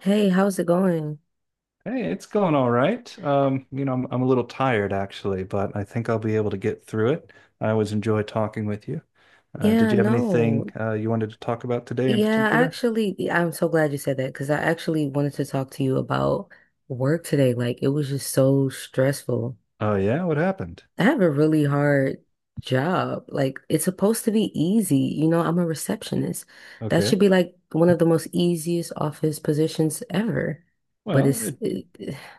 Hey, how's it going? Hey, it's going all right. I'm a little tired actually, but I think I'll be able to get through it. I always enjoy talking with you. Did Yeah, you have anything no. You wanted to talk about today in Yeah, particular? actually, I'm so glad you said that because I actually wanted to talk to you about work today. Like, it was just so stressful. Oh yeah, what happened? I have a really hard job. Like, it's supposed to be easy. You know, I'm a receptionist. That should Okay. be like one of the most easiest office positions ever. But Well, it,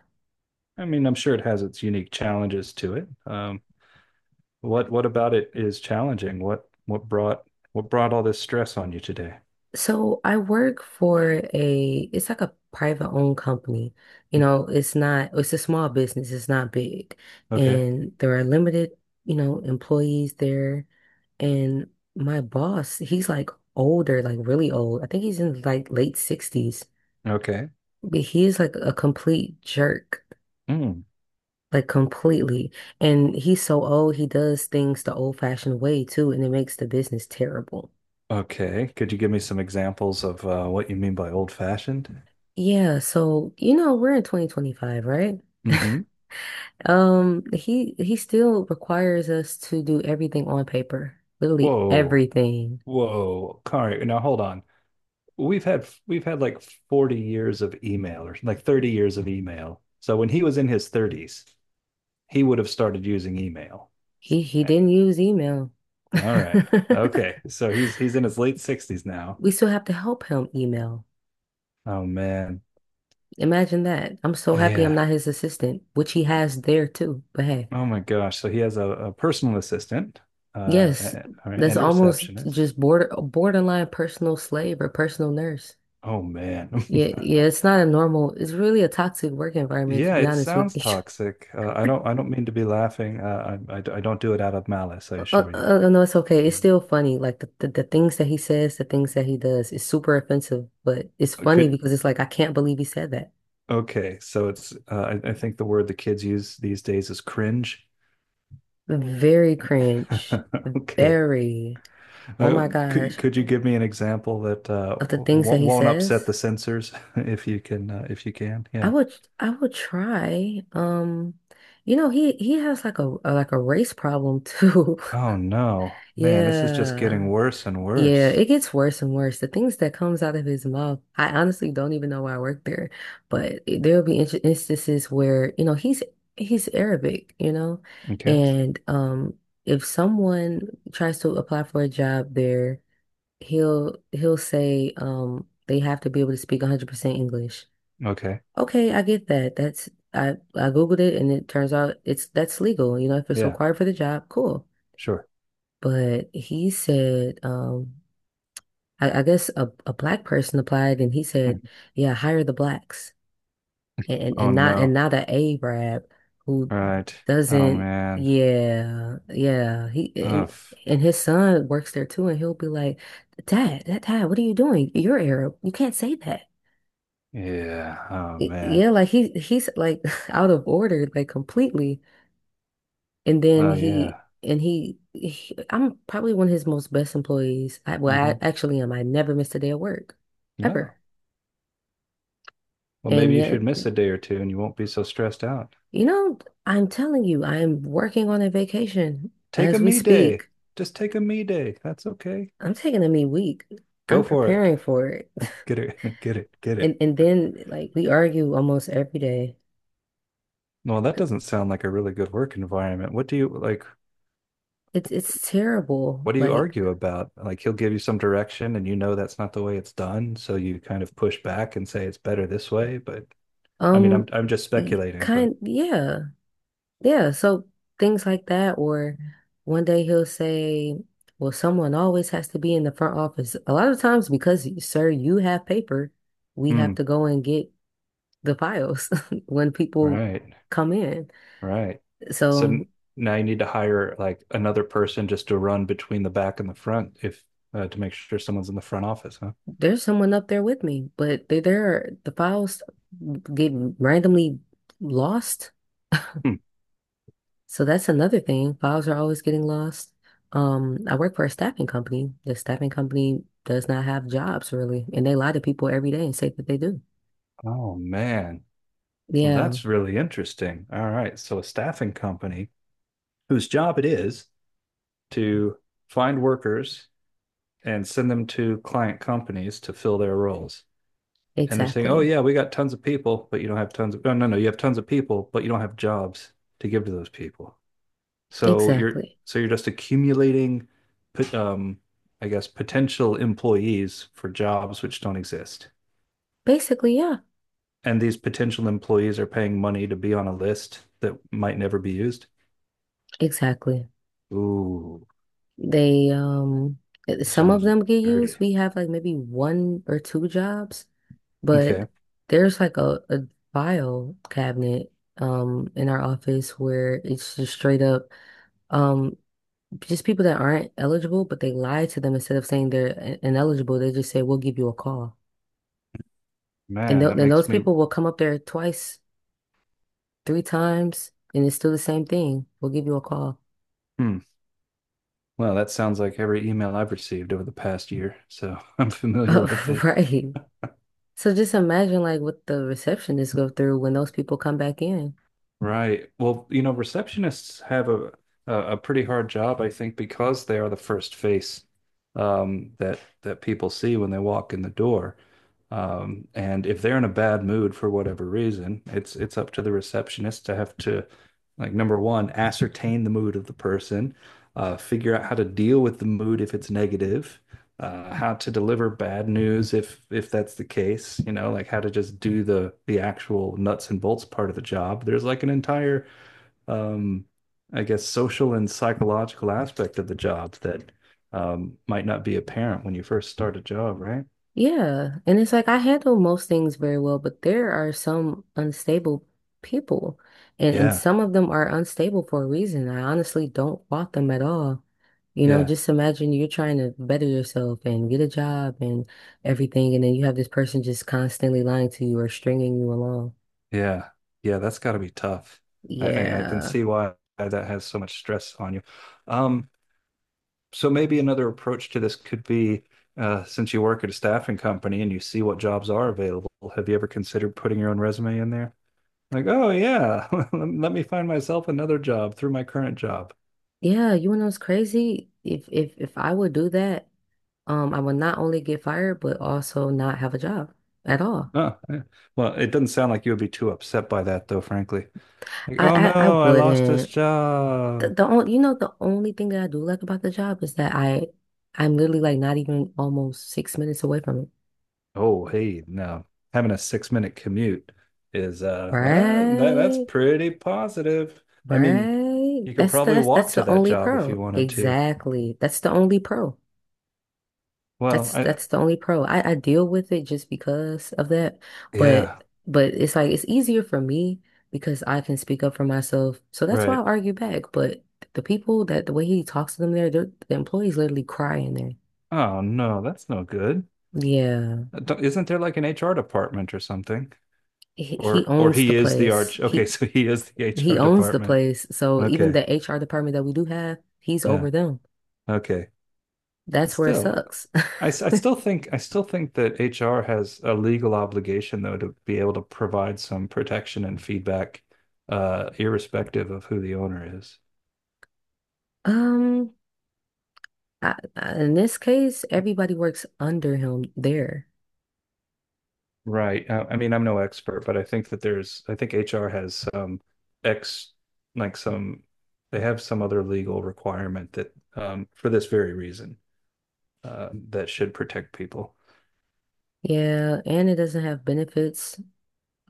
I mean, I'm sure it has its unique challenges to it. What about it is challenging? What brought all this stress on you today? So I work for it's like a private owned company. You know, it's not, it's a small business, it's not big. Okay. And there are limited, you know, employees there. And my boss, he's like older, like really old. I think he's in like late sixties, Okay. but he is like a complete jerk. Mm. Like completely. And he's so old, he does things the old-fashioned way too, and it makes the business terrible. Okay. Could you give me some examples of what you mean by old fashioned? Yeah, so you know, we're in 2025, right? Mm-hmm. He still requires us to do everything on paper, literally Whoa. everything. Whoa. All right. Now hold on. We've had like 40 years of email or like 30 years of email. So when he was in his 30s, he would have started using email. He didn't use email. All right. Okay. So he's in his late 60s now. We still have to help him email. Oh man. Imagine that. I'm so happy I'm Yeah. not his assistant, which he has there too. But hey, Oh my gosh. So he has a personal assistant uh yes, all right, that's and a almost receptionist. just borderline personal slave or personal nurse. Oh man. Yeah, yeah, it's not a normal, it's really a toxic work environment to Yeah, be it honest with sounds you. toxic. I don't mean to be laughing. I don't do it out of malice, I assure you. No, it's okay. It's still funny. Like the things that he says, the things that he does, is super offensive, but it's funny Could because it's like, I can't believe he said that. okay, so it's I think the word the kids use these days is cringe. Very cringe. Okay. Very, oh Uh, my could gosh, could you give me an example that of the things that won't he won't upset says, the censors if you can if you can? I Yeah. would, I would try. You know, he has like like a race problem too. Oh no, man, this is just Yeah. getting worse and Yeah, worse. it gets worse and worse. The things that comes out of his mouth, I honestly don't even know why I work there, but instances where, you know, he's Arabic, you know, Okay. and if someone tries to apply for a job there, he'll say they have to be able to speak 100% English. Okay. Okay, I get that. That's I Googled it and it turns out it's that's legal, you know, if it's Yeah, required for the job, cool. sure. But he said, I guess a black person applied and he said, Hmm. yeah, hire the blacks and, and, Oh and not no. An Arab who All right. Oh doesn't man. yeah, yeah. He and Ugh. and his son works there too and he'll be like, Dad, what are you doing? You're Arab. You can't say that. Yeah. Oh man. Yeah, like he's like out of order, like completely. And then Oh yeah. He I'm probably one of his most best employees. I Hmm. actually am. I never missed a day of work No. ever. Well, maybe And you yet should miss a day or two and you won't be so stressed out. you know, I'm telling you, I'm working on a vacation Take a as we me day. speak. Just take a me day. That's okay. I'm taking a me week. Go I'm for it. preparing for it. Get it. Get it. Get And it. and then like we argue almost every day. Well, that C- doesn't sound like a really good work environment. What do you like? It's terrible. What do you Like, argue about? Like he'll give you some direction and you know that's not the way it's done, so you kind of push back and say it's better this way, but I mean, I'm um, I'm just y- speculating, but kind yeah. Yeah, so things like that or one day he'll say, "Well, someone always has to be in the front office." A lot of times because, sir, you have paper, we hmm, have to go and get the piles when people right. come in. All right. So So n- now you need to hire like another person just to run between the back and the front if to make sure someone's in the front office, huh? there's someone up there with me, but the files get randomly lost. Hmm. So that's another thing. Files are always getting lost. I work for a staffing company. The staffing company does not have jobs really, and they lie to people every day and say that they do. Oh man. Well, Yeah, that's really interesting. All right. So, a staffing company whose job it is to find workers and send them to client companies to fill their roles. And they're saying, oh, exactly. yeah, we got tons of people, but you don't have tons of, no, no, no, you have tons of people, but you don't have jobs to give to those people. So, you're, Exactly. so you're just accumulating, um, I guess, potential employees for jobs which don't exist. Basically, yeah, And these potential employees are paying money to be on a list that might never be used. exactly. Ooh, They Some of sounds them get used. dirty. We have like maybe one or two jobs. But Okay. there's like a file cabinet in our office where it's just straight up um just people that aren't eligible, but they lie to them instead of saying they're ineligible, they just say we'll give you a call. And Man, th that and those makes me. people will come up there twice, three times, and it's still the same thing. We'll give you a call. Hmm. Well, that sounds like every email I've received over the past year. So I'm familiar with it. Right. So just imagine like what the receptionists go through when those people come back in. Right. Well, you know, receptionists have a pretty hard job, I think, because they are the first face that that people see when they walk in the door. And if they're in a bad mood for whatever reason, it's up to the receptionist to have to, like, number one, ascertain the mood of the person, figure out how to deal with the mood if it's negative, how to deliver bad news if that's the case, you know, like how to just do the actual nuts and bolts part of the job. There's like an entire, um, I guess, social and psychological aspect of the job that might not be apparent when you first start a job, right? Yeah. And it's like I handle most things very well, but there are some unstable people. And Yeah, some of them are unstable for a reason. I honestly don't fault them at all. You know, yeah, just imagine you're trying to better yourself and get a job and everything, and then you have this person just constantly lying to you or stringing you along. yeah, yeah. That's got to be tough. I can Yeah. see why that has so much stress on you. Um, So maybe another approach to this could be, since you work at a staffing company and you see what jobs are available, have you ever considered putting your own resume in there? Like, oh yeah, let me find myself another job through my current job. Yeah, you know what's crazy? If I would do that, I would not only get fired, but also not have a job at all. Oh, yeah. Well, it doesn't sound like you would be too upset by that, though, frankly. Like, oh I no, I lost this wouldn't. The, job. the only, you know, the only thing that I do like about the job is that I'm literally like not even almost 6 minutes away from it. Oh, hey, no, having a six-minute commute is that's Right, pretty positive. I mean, right. you could probably That's walk to the that only job if you pearl. wanted to. Exactly. That's the only pearl. Well, I, That's the only pearl. I deal with it just because of that, yeah, but it's like it's easier for me because I can speak up for myself. So that's why I right. argue back. But the people that the way he talks to them there, the employees literally cry in there. Oh no, that's no good. Yeah. Don't- Isn't there like an HR department or something? He Or owns the he is the place. arch. Okay, so he is the He HR owns the department. place. So even Okay. the HR department that we do have, he's Yeah. over them. Okay. That's where it Still, sucks. I still think that HR has a legal obligation though to be able to provide some protection and feedback, irrespective of who the owner is. Um, I- in this case, everybody works under him there. Right. I mean, I'm no expert, but I think that I think HR has some ex, like some, they have some other legal requirement that, for this very reason, that should protect people. Yeah, and it doesn't have benefits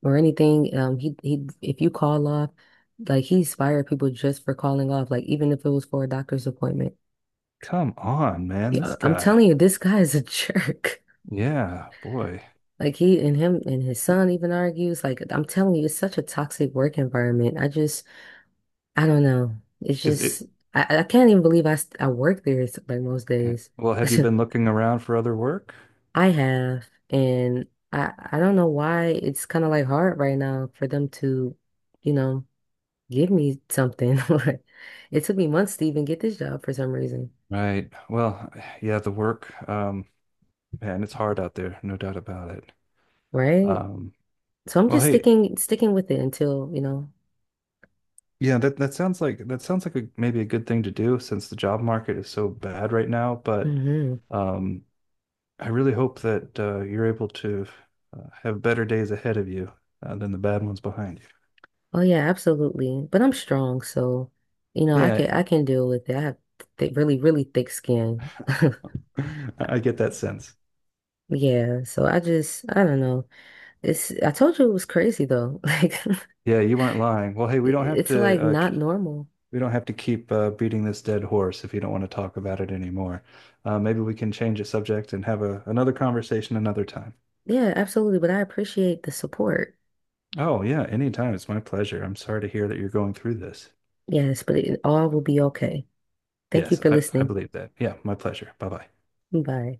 or anything. He if you call off, like he's fired people just for calling off, like even if it was for a doctor's appointment. Come on, man, Yeah, this I'm guy. telling you, this guy is a jerk. Yeah, boy. Like he and him and his son even argues. Like I'm telling you, it's such a toxic work environment. I don't know. It's Is it, just, I can't even believe I work there like most days. well, have you been looking around for other work? I have, and I don't know why it's kind of like hard right now for them to, you know, give me something. Like it took me months to even get this job for some reason, Right. Well, yeah, the work, man, it's hard out there, no doubt about it. right? Um, So I'm well, just hey, sticking with it until, you know. yeah, that sounds like maybe a good thing to do since the job market is so bad right now. But Hmm. um, I really hope that you're able to have better days ahead of you than the bad ones behind you. Oh yeah, absolutely. But I'm strong, so you know, Yeah, I can deal with it. I have th really, really thick skin. I get that sense. Yeah, so I just I don't know. It's I told you it was crazy though. Like Yeah, you weren't lying. Well, hey, we don't have it's like to not normal. we don't have to keep beating this dead horse if you don't want to talk about it anymore. Maybe we can change the subject and have a another conversation another time. Yeah, absolutely. But I appreciate the support. Oh yeah, anytime. It's my pleasure. I'm sorry to hear that you're going through this. Yes, but it all will be okay. Thank you Yes, for I listening. believe that. Yeah, my pleasure. Bye bye. Bye.